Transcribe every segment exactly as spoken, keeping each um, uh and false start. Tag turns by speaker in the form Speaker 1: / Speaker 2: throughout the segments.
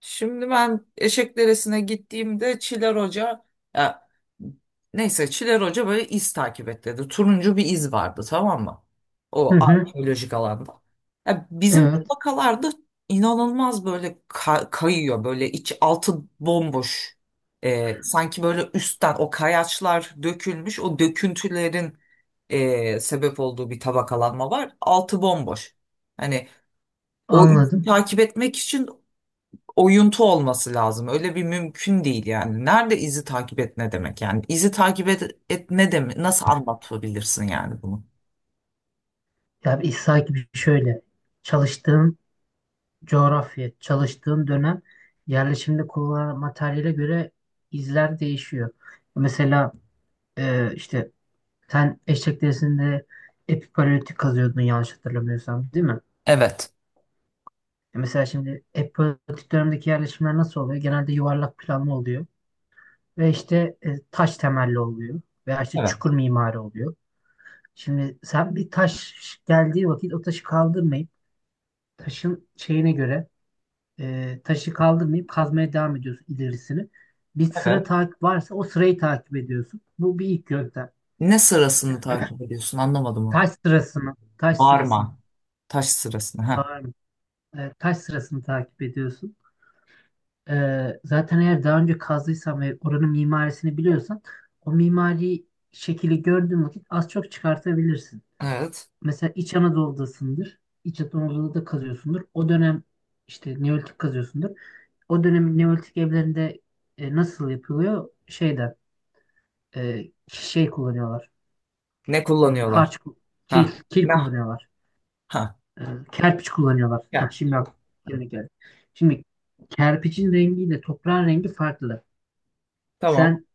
Speaker 1: Şimdi ben Eşek gittiğimde Çiler Hoca ya, neyse Çiler Hoca böyle iz takip et dedi. Turuncu bir iz vardı, tamam mı?
Speaker 2: Hı
Speaker 1: O
Speaker 2: hı,
Speaker 1: arkeolojik alanda. Ya, bizim
Speaker 2: evet
Speaker 1: tabakalarda inanılmaz böyle ka- kayıyor. Böyle iç altı bomboş. Ee, sanki böyle üstten o kayaçlar dökülmüş. O döküntülerin ee, sebep olduğu bir tabakalanma var. Altı bomboş. Hani o izi
Speaker 2: anladım.
Speaker 1: takip etmek için oyuntu olması lazım. Öyle bir mümkün değil yani. Nerede izi takip et ne demek yani? İzi takip et, et ne demek? Nasıl anlatabilirsin yani bunu?
Speaker 2: Ya bir sanki bir şöyle çalıştığın coğrafya, çalıştığın dönem yerleşimde kullanılan materyale göre izler değişiyor. Mesela e, işte sen eşek derisinde epipaleolitik kazıyordun yanlış hatırlamıyorsam değil mi?
Speaker 1: Evet.
Speaker 2: E mesela şimdi epipaleolitik dönemdeki yerleşimler nasıl oluyor? Genelde yuvarlak planlı oluyor ve işte e, taş temelli oluyor veya işte
Speaker 1: Evet.
Speaker 2: çukur mimari oluyor. Şimdi sen bir taş geldiği vakit o taşı kaldırmayıp taşın şeyine göre e, taşı kaldırmayıp kazmaya devam ediyorsun ilerisini. Bir sıra
Speaker 1: Evet.
Speaker 2: takip varsa o sırayı takip ediyorsun. Bu bir ilk yöntem.
Speaker 1: Ne sırasını takip ediyorsun? Anlamadım onu.
Speaker 2: Taş sırasını, taş sırasını,
Speaker 1: Varma. Taş sırasını. Ha.
Speaker 2: bağırma, e, taş sırasını takip ediyorsun. E, zaten eğer daha önce kazdıysan ve oranın mimarisini biliyorsan o mimari şekli gördüğün vakit az çok çıkartabilirsin.
Speaker 1: Evet.
Speaker 2: Mesela İç Anadolu'dasındır. İç Anadolu'da da kazıyorsundur. O dönem işte Neolitik kazıyorsundur. O dönemin Neolitik evlerinde e, nasıl yapılıyor? Şeyden e, şey kullanıyorlar.
Speaker 1: Ne
Speaker 2: E,
Speaker 1: kullanıyorlar?
Speaker 2: harç ku- kil,
Speaker 1: Ha.
Speaker 2: kil
Speaker 1: Ne?
Speaker 2: kullanıyorlar.
Speaker 1: Ha.
Speaker 2: E, Kerpiç kullanıyorlar.
Speaker 1: Ya.
Speaker 2: Heh, şimdi aklıma geldi. Şimdi kerpiçin rengiyle toprağın rengi farklı.
Speaker 1: Tamam.
Speaker 2: Sen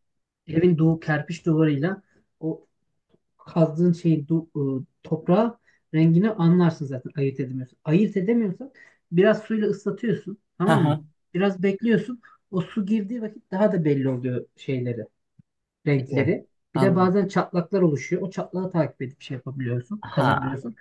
Speaker 2: evin duvar kerpiç duvarıyla o kazdığın şeyin du, e, toprağı rengini anlarsın zaten ayırt edemiyorsun. Ayırt edemiyorsan biraz suyla ıslatıyorsun
Speaker 1: Ha
Speaker 2: tamam
Speaker 1: ha.
Speaker 2: mı? Biraz bekliyorsun. O su girdiği vakit daha da belli oluyor şeyleri,
Speaker 1: İyi.
Speaker 2: renkleri. Bir de
Speaker 1: Anladım.
Speaker 2: bazen çatlaklar oluşuyor. O çatlağı takip edip şey yapabiliyorsun,
Speaker 1: Ha.
Speaker 2: kazabiliyorsun.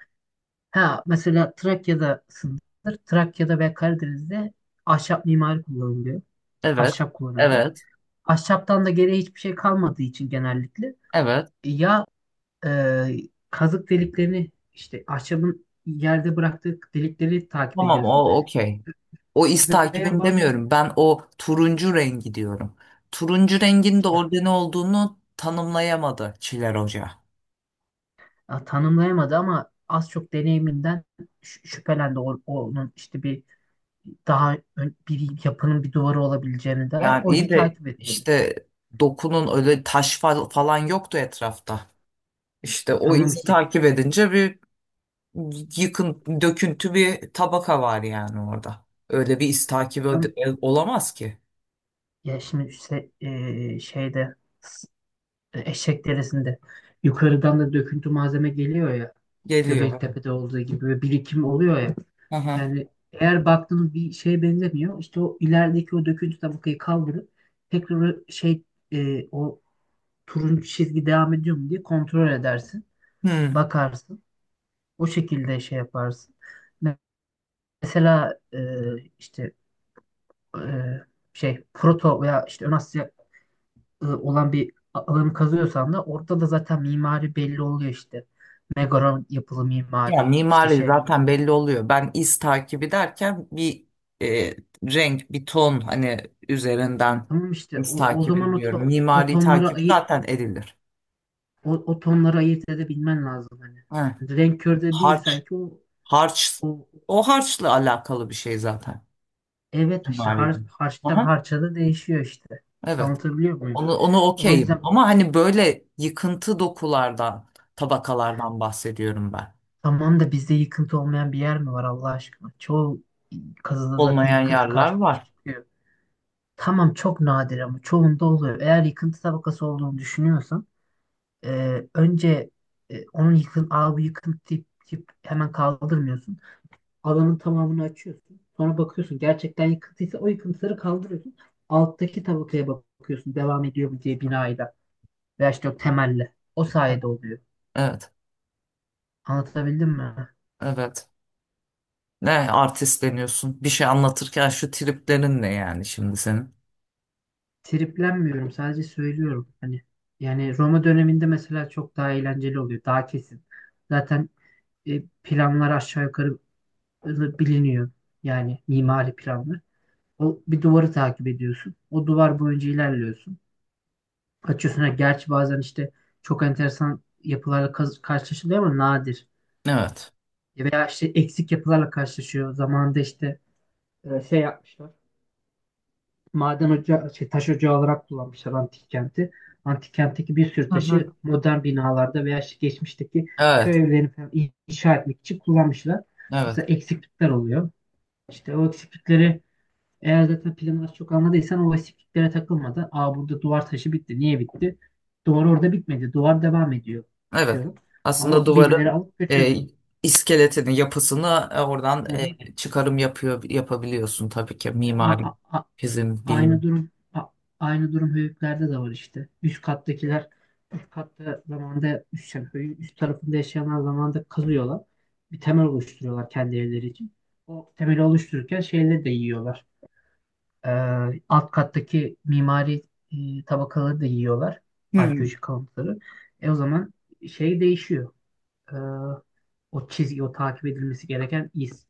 Speaker 2: Ha mesela Trakya'dasındır. Trakya'da ve Karadeniz'de ahşap mimari kullanılıyor.
Speaker 1: Evet.
Speaker 2: Ahşap kullanıyorlar.
Speaker 1: Evet.
Speaker 2: Ahşaptan da geriye hiçbir şey kalmadığı için genellikle
Speaker 1: Evet.
Speaker 2: ya e, kazık deliklerini işte ahşabın yerde bıraktığı delikleri takip
Speaker 1: Tamam
Speaker 2: ediyorsun.
Speaker 1: o okey. O iz
Speaker 2: Veya
Speaker 1: takibim
Speaker 2: bazen
Speaker 1: demiyorum. Ben o turuncu rengi diyorum. Turuncu rengin de
Speaker 2: ya,
Speaker 1: orada ne olduğunu tanımlayamadı Çiler Hoca.
Speaker 2: ya tanımlayamadı ama az çok deneyiminden şü- şüphelendi o- onun işte bir daha ön- bir yapının bir duvarı olabileceğini der.
Speaker 1: Yani
Speaker 2: O
Speaker 1: iyi
Speaker 2: izi
Speaker 1: de
Speaker 2: takip et dedi.
Speaker 1: işte dokunun öyle taş fal- falan yoktu etrafta.
Speaker 2: E,
Speaker 1: İşte o
Speaker 2: tamam
Speaker 1: izi
Speaker 2: işte.
Speaker 1: takip edince bir yıkın, döküntü bir tabaka var yani orada. Öyle bir iz takibi
Speaker 2: Tamam.
Speaker 1: öde- olamaz ki.
Speaker 2: Ya şimdi işte, e, şeyde s- e, eşek derisinde yukarıdan da döküntü malzeme geliyor ya.
Speaker 1: Geliyor.
Speaker 2: Göbeklitepe'de olduğu gibi bir birikim oluyor ya.
Speaker 1: Aha.
Speaker 2: Yani eğer baktığınız bir şeye benzemiyor, işte o ilerideki o döküntü tabakayı kaldırıp tekrar o şey, e, o turuncu çizgi devam ediyor mu diye kontrol edersin.
Speaker 1: Hmm.
Speaker 2: Bakarsın. O şekilde şey yaparsın. Mesela e, işte e, şey Proto veya işte Ön Asya e, olan bir a- alanı kazıyorsan da orada da zaten mimari belli oluyor işte. Megaron yapılı
Speaker 1: Ya
Speaker 2: mimari işte
Speaker 1: mimari
Speaker 2: şey.
Speaker 1: zaten belli oluyor. Ben iz takibi derken bir e, renk, bir ton hani üzerinden
Speaker 2: Tamam işte
Speaker 1: iz
Speaker 2: o, o zaman
Speaker 1: takibi
Speaker 2: o,
Speaker 1: diyorum.
Speaker 2: to- o o
Speaker 1: Mimari
Speaker 2: tonları
Speaker 1: takip
Speaker 2: ayı
Speaker 1: zaten edilir.
Speaker 2: o, o tonları ayırt edebilmen lazım hani.
Speaker 1: He.
Speaker 2: Hani renk körü de değil
Speaker 1: Harç,
Speaker 2: sanki o,
Speaker 1: harç,
Speaker 2: o
Speaker 1: o harçla alakalı bir şey zaten
Speaker 2: Evet, işte
Speaker 1: mimari.
Speaker 2: har harçtan
Speaker 1: Aha,
Speaker 2: harça da değişiyor işte.
Speaker 1: evet.
Speaker 2: Anlatabiliyor muyum?
Speaker 1: Onu, onu
Speaker 2: O
Speaker 1: okeyim.
Speaker 2: yüzden
Speaker 1: Ama hani böyle yıkıntı dokulardan, tabakalardan bahsediyorum ben.
Speaker 2: tamam da bizde yıkıntı olmayan bir yer mi var Allah aşkına? Çoğu kazıda zaten
Speaker 1: Olmayan
Speaker 2: yıkıntı
Speaker 1: yerler
Speaker 2: karşımıza
Speaker 1: var.
Speaker 2: çıkıyor. Tamam çok nadir ama çoğunda oluyor. Eğer yıkıntı tabakası olduğunu düşünüyorsan e, önce e, onun yıkın, aa bu yıkıntı tip, tip hemen kaldırmıyorsun. Alanın tamamını açıyorsun. Sonra bakıyorsun gerçekten yıkıntıysa o yıkıntıları kaldırıyorsun. Alttaki tabakaya bakıyorsun devam ediyor mu diye binayla veya işte o temelle. O sayede oluyor.
Speaker 1: Evet,
Speaker 2: Anlatabildim mi?
Speaker 1: evet. Ne artistleniyorsun? Bir şey anlatırken şu triplerin ne yani şimdi senin?
Speaker 2: Triplenmiyorum. Sadece söylüyorum. Hani yani Roma döneminde mesela çok daha eğlenceli oluyor. Daha kesin. Zaten e, planlar aşağı yukarı biliniyor. Yani mimari planlar. O bir duvarı takip ediyorsun. O duvar boyunca ilerliyorsun. Açıyorsun. Ha, gerçi bazen işte çok enteresan yapılarla kaz- karşılaşılıyor ama nadir.
Speaker 1: Evet.
Speaker 2: Veya işte eksik yapılarla karşılaşıyor. Zamanında işte e, şey yapmışlar. Maden ocağı, şey, taş ocağı olarak kullanmışlar antik kenti. Antik kentteki bir sürü
Speaker 1: Hı
Speaker 2: taşı
Speaker 1: hı.
Speaker 2: modern binalarda veya işte geçmişteki
Speaker 1: Evet.
Speaker 2: köy evlerini falan inşa etmek için kullanmışlar.
Speaker 1: Evet.
Speaker 2: Mesela eksiklikler oluyor. İşte o eksiklikleri eğer zaten planı az çok anladıysan o eksikliklere takılmadan aa burada duvar taşı bitti. Niye bitti? Duvar orada bitmedi. Duvar devam ediyor,
Speaker 1: Evet.
Speaker 2: diyor. Ama
Speaker 1: Aslında
Speaker 2: birileri
Speaker 1: duvarın
Speaker 2: alıp
Speaker 1: e,
Speaker 2: götürün.
Speaker 1: iskeletini, yapısını e, oradan
Speaker 2: Hı hı.
Speaker 1: e, çıkarım yapıyor yapabiliyorsun tabii ki
Speaker 2: E,
Speaker 1: mimari,
Speaker 2: a- a-
Speaker 1: bizim
Speaker 2: Aynı
Speaker 1: bilim.
Speaker 2: durum a- aynı durum höyüklerde de var işte. Üst kattakiler üst katta zamanda üst, yani höyüğün üst tarafında yaşayanlar zamanda kazıyorlar. Bir temel oluşturuyorlar kendi evleri için. O temeli oluştururken şeyleri de yiyorlar. Ee, Alt kattaki mimari e, tabakaları da yiyorlar.
Speaker 1: Hmm.
Speaker 2: Arkeolojik kalıntıları. E o zaman şey değişiyor. Ee, O çizgi, o takip edilmesi gereken iz.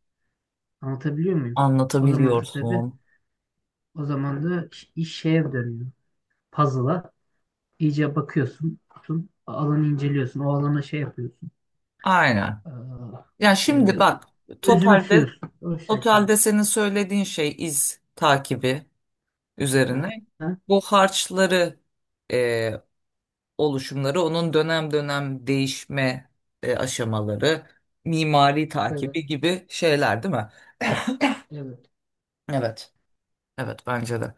Speaker 2: Anlatabiliyor muyum? O zaman da tabii
Speaker 1: Anlatabiliyorsun.
Speaker 2: o zaman da iş iş şeye dönüyor, puzzle'a. İyice bakıyorsun, tutun, alanı inceliyorsun, o alana şey yapıyorsun.
Speaker 1: Aynen. Ya
Speaker 2: Ee,
Speaker 1: şimdi
Speaker 2: e,
Speaker 1: bak, totalde
Speaker 2: Özümsüyorsun. O şey söyleyeyim.
Speaker 1: totalde senin söylediğin şey iz takibi üzerine.
Speaker 2: Aha.
Speaker 1: Bu harçları, e, oluşumları onun dönem dönem değişme, e, aşamaları mimari
Speaker 2: Evet,
Speaker 1: takibi gibi şeyler değil mi?
Speaker 2: evet.
Speaker 1: Evet. Evet bence de.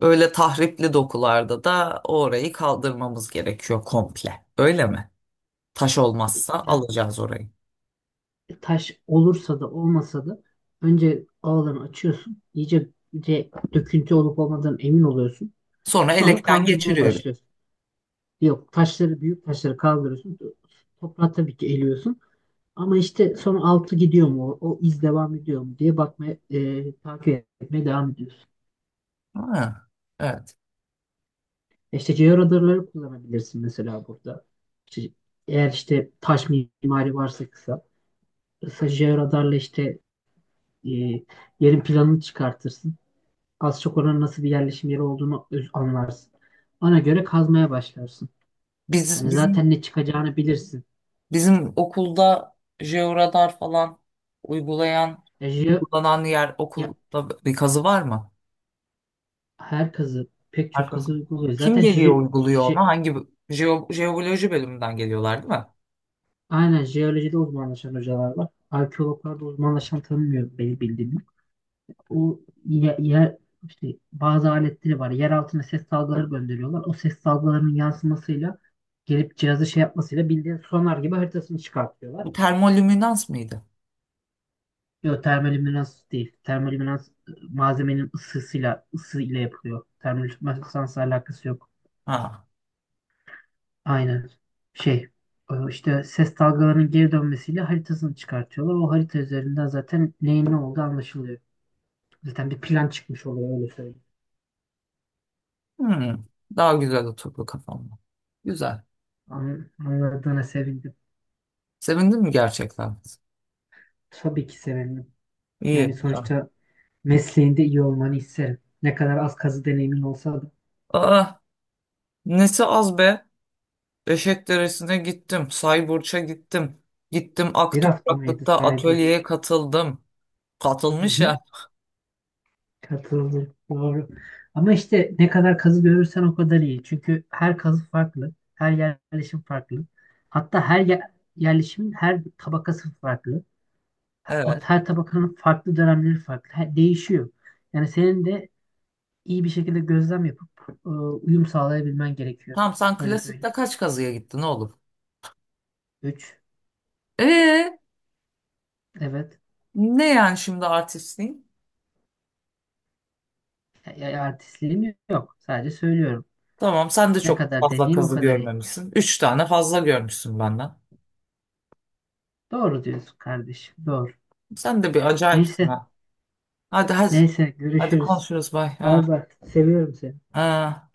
Speaker 1: Öyle tahripli dokularda da orayı kaldırmamız gerekiyor komple. Öyle mi? Taş olmazsa
Speaker 2: Ya,
Speaker 1: alacağız orayı.
Speaker 2: e, taş olursa da olmasa da önce alanı açıyorsun, iyice de döküntü olup olmadığından emin oluyorsun.
Speaker 1: Sonra
Speaker 2: Sonra
Speaker 1: elekten
Speaker 2: kaldırmaya
Speaker 1: geçiriyoruz.
Speaker 2: başlıyorsun. Yok taşları, büyük taşları kaldırıyorsun. Toprağı tabii ki eliyorsun. Ama işte sonra altı gidiyor mu? O, o iz devam ediyor mu diye bakmaya, e, takip etmeye devam ediyorsun.
Speaker 1: Ha, evet.
Speaker 2: İşte georadarları kullanabilirsin mesela burada. İşte eğer işte taş mimari varsa kısa. Kısa georadarla işte e, yerin planını çıkartırsın. Az çok oranın nasıl bir yerleşim yeri olduğunu öz- anlarsın. Ona göre kazmaya başlarsın.
Speaker 1: Biz,
Speaker 2: Hani
Speaker 1: bizim
Speaker 2: zaten ne çıkacağını bilirsin.
Speaker 1: Bizim okulda jeoradar falan uygulayan,
Speaker 2: E, jeo-
Speaker 1: uygulanan yer,
Speaker 2: Ya,
Speaker 1: okulda bir kazı var mı?
Speaker 2: her kazı, pek
Speaker 1: Her
Speaker 2: çok
Speaker 1: kazı.
Speaker 2: kazı uyguluyor.
Speaker 1: Kim
Speaker 2: Zaten
Speaker 1: geliyor
Speaker 2: je,
Speaker 1: uyguluyor
Speaker 2: je-
Speaker 1: ona? Hangi jeo, jeoloji bölümünden geliyorlar değil mi?
Speaker 2: aynen jeolojide uzmanlaşan hocalar var. Arkeologlarda uzmanlaşan tanımıyorum benim bildiğim. O ye- yer, işte bazı aletleri var. Yer altına ses dalgaları gönderiyorlar. O ses dalgalarının yansımasıyla gelip cihazı şey yapmasıyla bildiğin sonar gibi haritasını çıkartıyorlar.
Speaker 1: Bu termolüminans mıydı?
Speaker 2: Yok, termolüminans değil. Termolüminans e, malzemenin ısısıyla, ısı ile yapılıyor. Termolüminansla alakası yok.
Speaker 1: Ha.
Speaker 2: Aynen. Şey, e, işte ses dalgalarının geri dönmesiyle haritasını çıkartıyorlar. O harita üzerinden zaten neyin ne olduğu anlaşılıyor. Zaten bir plan çıkmış oluyor öyle söyleyeyim.
Speaker 1: Hmm. Daha güzel oturdu kafamda. Güzel.
Speaker 2: An- Anladığına sevindim.
Speaker 1: Sevindin mi gerçekten?
Speaker 2: Tabii ki severim. Yani
Speaker 1: İyi, güzel.
Speaker 2: sonuçta mesleğinde iyi olmanı isterim. Ne kadar az kazı deneyimin olsa da.
Speaker 1: Aa, nesi az be? Beşik Deresi'ne gittim. Sayburç'a gittim. Gittim, Ak
Speaker 2: Bir hafta mıydı
Speaker 1: Topraklık'ta
Speaker 2: sahibi hoş.
Speaker 1: atölyeye katıldım.
Speaker 2: Hı
Speaker 1: Katılmış
Speaker 2: hı.
Speaker 1: ya.
Speaker 2: Katıldım. Doğru. Ama işte ne kadar kazı görürsen o kadar iyi. Çünkü her kazı farklı. Her yerleşim farklı. Hatta her yer- yerleşimin her tabakası farklı. Ha- O
Speaker 1: Evet.
Speaker 2: her tabakanın farklı dönemleri farklı. Her- değişiyor. Yani senin de iyi bir şekilde gözlem yapıp e, uyum sağlayabilmen gerekiyor.
Speaker 1: Tamam, sen
Speaker 2: Öyle söyleyeyim.
Speaker 1: klasikte kaç kazıya gittin oğlum?
Speaker 2: Üç.
Speaker 1: Ee,
Speaker 2: Evet.
Speaker 1: ne yani şimdi artistliğin?
Speaker 2: Ya- Artistliğim yok. Sadece söylüyorum.
Speaker 1: Tamam sen de
Speaker 2: Ne
Speaker 1: çok
Speaker 2: kadar
Speaker 1: fazla
Speaker 2: deneyim o
Speaker 1: kazı
Speaker 2: kadar iyi.
Speaker 1: görmemişsin. Üç tane fazla görmüşsün benden.
Speaker 2: Doğru diyorsun kardeşim. Doğru.
Speaker 1: Sen de bir acayipsin
Speaker 2: Neyse.
Speaker 1: ha. Hadi hadi.
Speaker 2: Neyse.
Speaker 1: Hadi
Speaker 2: Görüşürüz.
Speaker 1: konuşuruz, bay.
Speaker 2: Bay
Speaker 1: Ha,
Speaker 2: bay. Seviyorum seni.
Speaker 1: ha.